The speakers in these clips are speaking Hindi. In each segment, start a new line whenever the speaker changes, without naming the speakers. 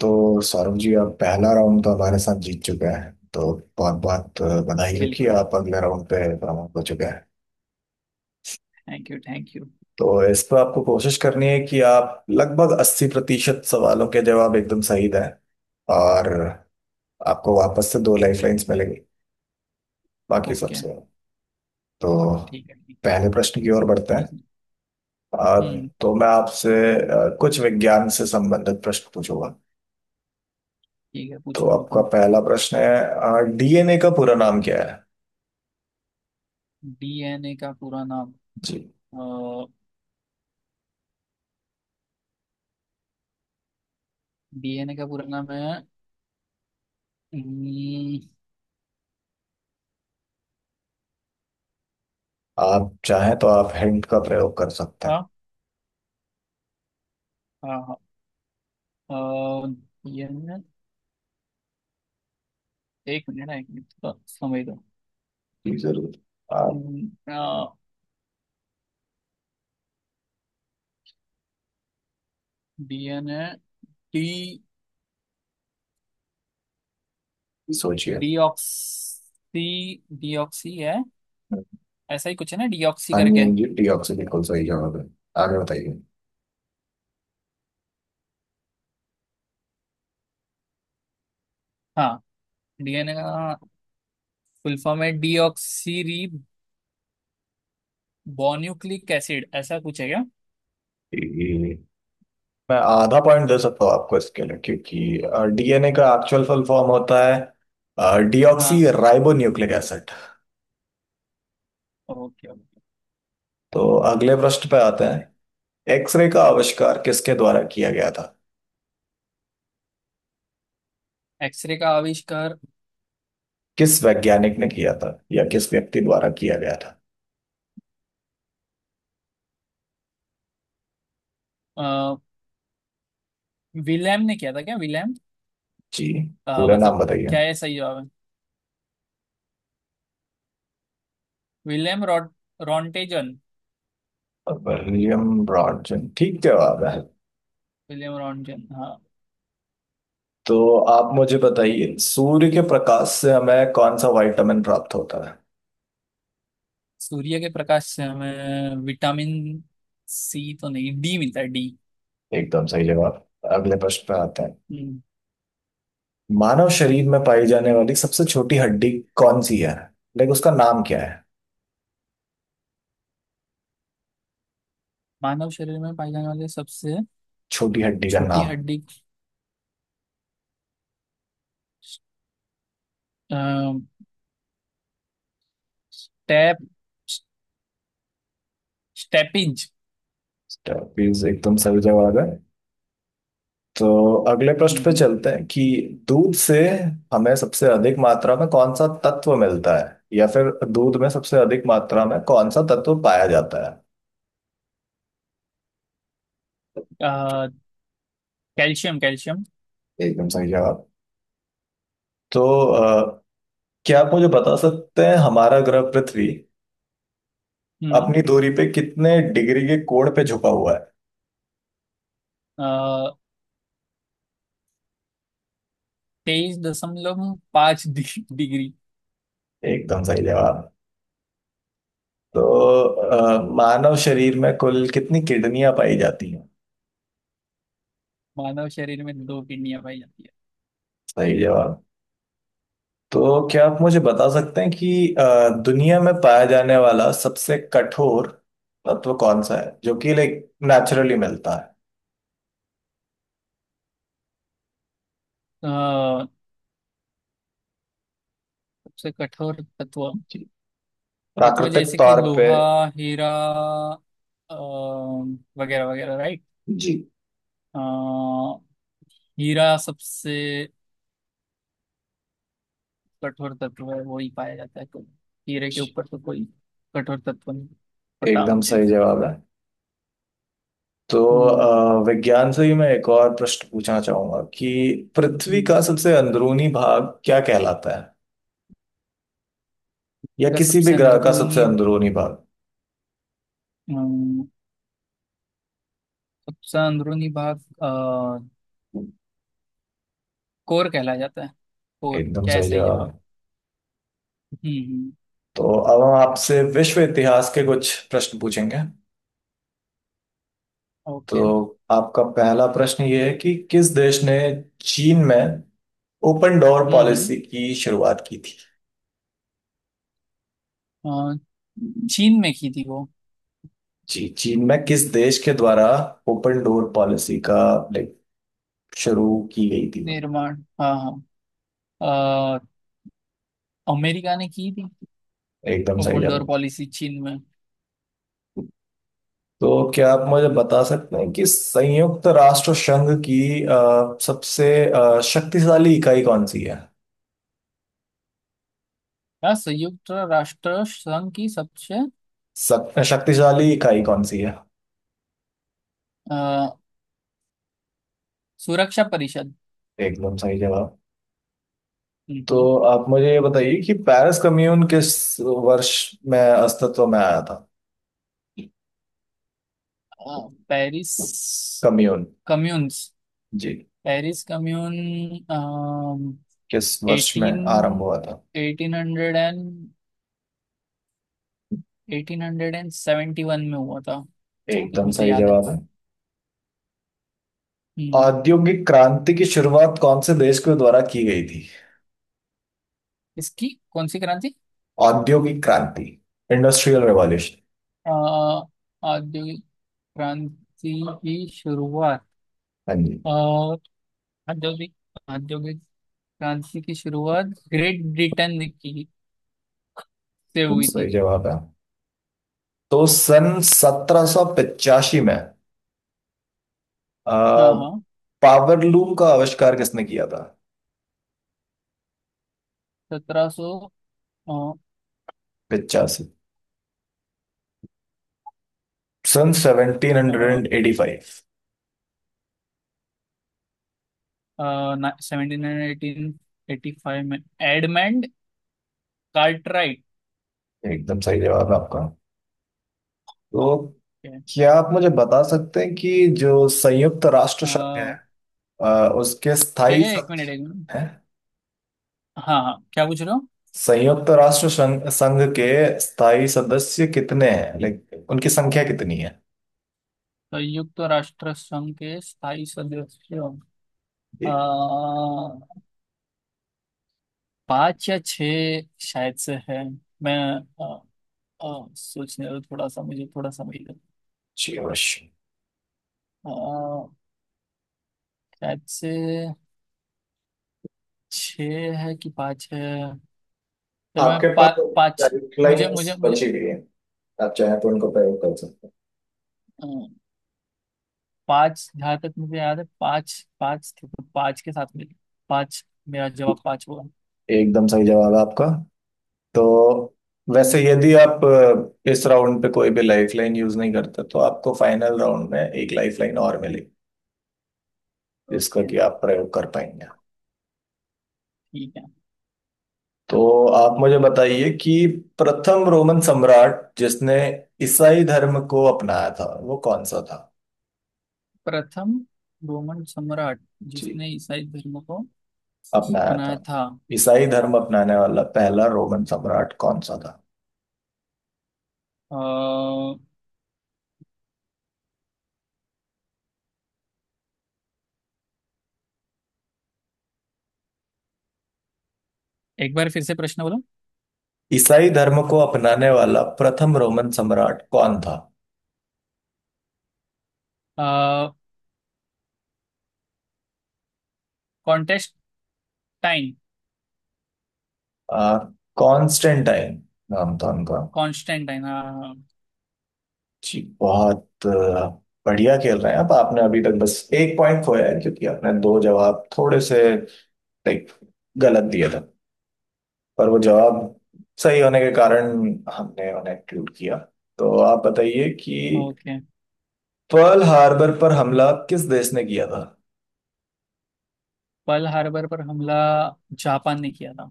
तो सौरभ जी आप पहला राउंड तो हमारे साथ जीत चुके हैं तो बहुत बहुत बधाई हो कि
बिल्कुल।
आप अगले राउंड पे प्रमोट हो चुके हैं।
Thank you, thank you.
तो इस पर आपको कोशिश करनी है कि आप लगभग 80% सवालों के जवाब एकदम सही दें, और आपको वापस से दो लाइफ
ओके,
लाइन्स मिलेंगी। बाकी
ओके।
सबसे तो
ठीक है, ठीक,
पहले प्रश्न की ओर बढ़ते हैं।
ठीक है।
अ,
हम्म।
तो मैं आपसे कुछ विज्ञान से संबंधित प्रश्न पूछूंगा।
ठीक है,
तो
पूछो
आपका
बिल्कुल।
पहला प्रश्न है, डीएनए का पूरा नाम क्या है?
डीएनए का पूरा नाम।
जी।
डीएनए का पूरा नाम है। हम्म,
आप चाहें तो आप हिंट का प्रयोग कर सकते हैं।
हाँ, हाँ, हाँ। डीएनए। एक मिनट ना, एक मिनट, थोड़ा समय दो।
जी जरूर। आप
डीएनए। टी।
ही सोचिए।
डीऑक्सी। डीऑक्सी है। ऐसा ही कुछ है ना, डीऑक्सी
हाँ जी,
करके।
हाँ जी, टी ऑक्सी बिल्कुल सही जवाब है। आगे बताइए।
हाँ। डीएनए का फुल फॉर्म है डीऑक्सी बोन्यूक्लिक एसिड, ऐसा कुछ है क्या?
जी, मैं आधा पॉइंट दे सकता हूँ आपको इसके लिए, क्योंकि डीएनए का एक्चुअल फुल फॉर्म होता है डीऑक्सी
हाँ।
Ribonucleic acid.
Okay, okay.
तो अगले प्रश्न पे आते हैं। एक्सरे का आविष्कार किसके द्वारा किया गया था?
एक्सरे का आविष्कार
किस वैज्ञानिक ने किया था, या किस व्यक्ति द्वारा किया गया था?
अ, विलेम ने किया था क्या? विलेम।
जी, पूरा
मतलब
नाम बताइए।
क्या है सही जवाब है? विलेम रॉट रॉन्टेजन।
विलियम ब्रॉडजन ठीक जवाब है।
विलेम रॉन्टेजन, हाँ।
तो आप मुझे बताइए, सूर्य के प्रकाश से हमें कौन सा विटामिन प्राप्त होता है?
सूर्य के प्रकाश से हमें विटामिन सी तो नहीं, डी मिलता है, डी।
एकदम सही जवाब। अगले प्रश्न पे आते हैं।
हम्म।
मानव शरीर में पाई जाने वाली सबसे छोटी हड्डी कौन सी है? लाइक उसका नाम क्या है?
मानव शरीर में पाई जाने वाली सबसे
छोटी हड्डी का
छोटी
नाम।
हड्डी स्टेप स्टेपिंज।
प्लीज, एकदम सही जवाब है। तो अगले प्रश्न पे चलते हैं कि दूध से हमें सबसे अधिक मात्रा में कौन सा तत्व मिलता है, या फिर दूध में सबसे अधिक मात्रा में कौन सा तत्व पाया जाता है?
Calcium, calcium.
एकदम सही जवाब। तो अ, क्या आप मुझे बता सकते हैं, हमारा ग्रह पृथ्वी अपनी दूरी पे कितने डिग्री के कोण पे झुका हुआ
हम्म। 23.5 डिग्री।
है? एकदम सही जवाब। तो मानव शरीर में कुल कितनी किडनियां पाई जाती हैं?
मानव शरीर में दो किडनियां पाई जाती है।
सही जवाब। तो क्या आप मुझे बता सकते हैं कि दुनिया में पाया जाने वाला सबसे कठोर तत्व कौन सा है, जो कि लाइक नेचुरली मिलता है?
अ, सबसे कठोर तत्व।
जी,
तत्व
प्राकृतिक
जैसे कि
तौर पे।
लोहा, हीरा, अ, वगैरह वगैरह, राइट।
जी।
हीरा सबसे कठोर तत्व है, वो ही पाया जाता है तो। हीरे के
जी,
ऊपर तो कोई कठोर तत्व नहीं, पता
एकदम
मुझे।
सही जवाब है। तो
हम्म,
विज्ञान से ही मैं एक और प्रश्न पूछना चाहूंगा कि पृथ्वी
हम्म।
का सबसे अंदरूनी भाग क्या कहलाता है, या
इसका
किसी भी
सबसे
ग्रह का सबसे
अंदरूनी,
अंदरूनी भाग?
अम, सबसे अंदरूनी भाग कोर कहला जाता है। कोर
एकदम
क्या है
सही
सही
जवाब
जवाब?
है।
हम्म, हम्म।
तो अब हम आपसे विश्व इतिहास के कुछ प्रश्न पूछेंगे।
ओके।
तो आपका पहला प्रश्न ये है कि किस देश ने चीन में open door
hmm, hmm.
Policy की शुरुआत की थी?
अ, चीन में की थी वो?
जी, चीन में किस देश के द्वारा ओपन डोर पॉलिसी का लाइक शुरू की गई थी?
निर्माण, हाँ, हाँ। अमेरिका ने की थी।
एकदम सही
वंडर
जवाब।
पॉलिसी चीन में।
तो क्या आप मुझे बता सकते हैं कि संयुक्त राष्ट्र संघ की सबसे शक्तिशाली इकाई कौन सी है?
क्या संयुक्त राष्ट्र संघ की सबसे
शक्तिशाली इकाई कौन सी है?
अ, सुरक्षा परिषद।
एकदम सही जवाब।
हम्म,
तो
हम्म।
आप मुझे ये बताइए कि पेरिस कम्यून किस वर्ष में अस्तित्व में आया था?
Paris
commune.
कम्यून्स।
जी,
पेरिस कम्यून।
किस वर्ष में
एटीन।
आरंभ हुआ था?
एटीन हंड्रेड एंड 1871 में हुआ था, जहाँ तक
एकदम
मुझे
सही
याद है।
जवाब है।
हम्म।
औद्योगिक क्रांति की शुरुआत कौन से देश के द्वारा की गई थी?
इसकी कौन सी क्रांति?
औद्योगिक क्रांति, इंडस्ट्रियल रेवोल्यूशन।
अ, औद्योगिक क्रांति की शुरुआत
हाँ जी।
और औद्योगिक औद्योगिक क्रांति की शुरुआत ग्रेट ब्रिटेन की से
एकदम
हुई
सही
थी।
जवाब है। तो सन 1785 में आ,
हाँ, हाँ।
पावरलूम का आविष्कार किसने किया था?
सत्रह सौ
85, सन 1785।
सेवेंटी नाइन 1885 में एडमंड कार्टराइट।
एकदम सही जवाब है आपका। तो
के,
क्या आप मुझे बता सकते हैं कि जो संयुक्त राष्ट्र संघ है,
अ,
उसके
ठीक
स्थायी
है, एक मिनट, एक मिनट।
सदस्य हैं?
हाँ, हाँ, क्या पूछ रहे हो?
संयुक्त राष्ट्र संघ संघ के स्थायी सदस्य कितने हैं, लाइक उनकी संख्या कितनी है?
संयुक्त राष्ट्र संघ के स्थायी सदस्य
जी।
अ, पाँच या छः शायद से है। मैं अ, सोचने दो थोड़ा सा मुझे, थोड़ा सा मिल।
जी अवश्य।
शायद से छः है कि पाँच है। चलो,
आपके पास
पाँच। मुझे
गाइडलाइंस
मुझे मुझे
बची हुई है, आप चाहें तो उनको प्रयोग कर सकते
अ, पाँच, जहाँ तक मुझे याद है पाँच, पाँच थे तो पाँच के साथ मिल। पाँच। मेरा
हैं।
जवाब पाँच होगा।
एकदम सही जवाब है आपका। तो
हम्म।
वैसे यदि आप इस राउंड पे कोई भी लाइफलाइन यूज नहीं करते तो आपको फाइनल राउंड में एक लाइफलाइन और मिलेगी, जिसका
ओके,
कि आप प्रयोग कर पाएंगे।
ठीक है।
तो आप मुझे बताइए कि प्रथम रोमन सम्राट जिसने ईसाई धर्म को अपनाया था वो कौन सा था?
प्रथम रोमन सम्राट
जी,
जिसने ईसाई धर्म को
अपनाया था।
अपनाया था।
ईसाई धर्म अपनाने वाला पहला रोमन सम्राट कौन सा था?
अ, एक बार फिर से प्रश्न बोलो।
ईसाई धर्म को अपनाने वाला प्रथम रोमन सम्राट कौन था?
कॉन्टेस्टाइन।
आ, कॉन्स्टेंटाइन नाम था उनका।
कॉन्स्टेंटाइन, हाँ।
जी, बहुत बढ़िया खेल रहे हैं आप। आपने अभी तक बस एक पॉइंट खोया है, क्योंकि आपने दो जवाब थोड़े से लाइक गलत दिया था, पर वो जवाब सही होने के कारण हमने उन्हें include किया। तो आप बताइए कि
ओके।
पर्ल हार्बर पर हमला किस देश ने किया था?
पर्ल हार्बर पर हमला जापान ने किया था।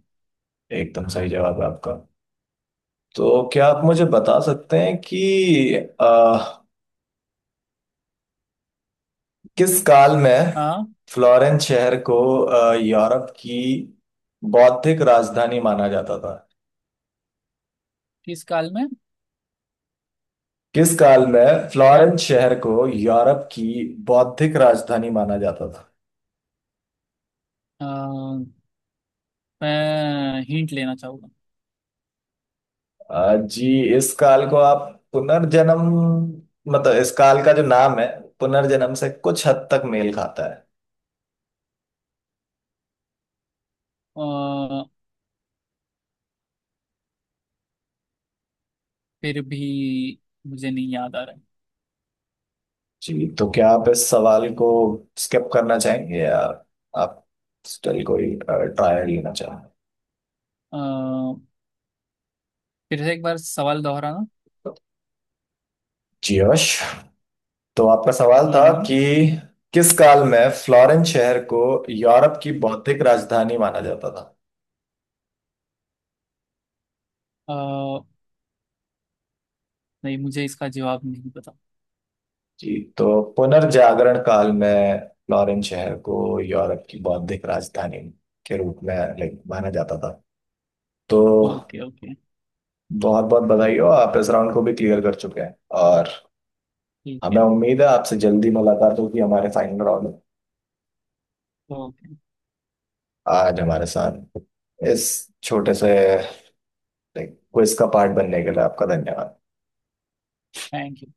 एकदम सही जवाब है आपका। तो क्या आप मुझे बता सकते हैं कि आ, किस काल में
हाँ।
फ्लोरेंस शहर को यूरोप की बौद्धिक राजधानी माना जाता था?
किस काल में?
किस काल में
क्या?
फ्लोरेंस शहर को यूरोप की बौद्धिक राजधानी माना जाता था?
अ, मैं हिंट लेना चाहूंगा।
जी। इस काल को आप पुनर्जन्म, मतलब इस काल का जो नाम है पुनर्जन्म से कुछ हद तक मेल खाता है।
अ, फिर भी मुझे नहीं याद आ रहा है।
जी, तो क्या आप इस सवाल को स्किप करना चाहेंगे, या आप स्टिल कोई ट्रायल लेना चाहेंगे?
अ, फिर से एक बार सवाल दोहराना।
जी यश। तो आपका सवाल
हम्म,
था
हम्म।
कि किस काल में फ्लोरेंस शहर को यूरोप की बौद्धिक राजधानी माना जाता था।
अ, नहीं, मुझे इसका जवाब नहीं पता।
जी, तो पुनर्जागरण काल में फ्लोरेंस शहर को यूरोप की बौद्धिक राजधानी के रूप में लाइक माना जाता था। तो
ओके, ओके।
बहुत बहुत बधाई हो, आप इस राउंड को भी क्लियर कर चुके हैं, और
ठीक है।
हमें उम्मीद है आपसे जल्दी मुलाकात होगी हमारे फाइनल राउंड में।
ओके।
आज हमारे साथ इस छोटे से लाइक क्विज का पार्ट बनने के लिए आपका धन्यवाद।
Thank you.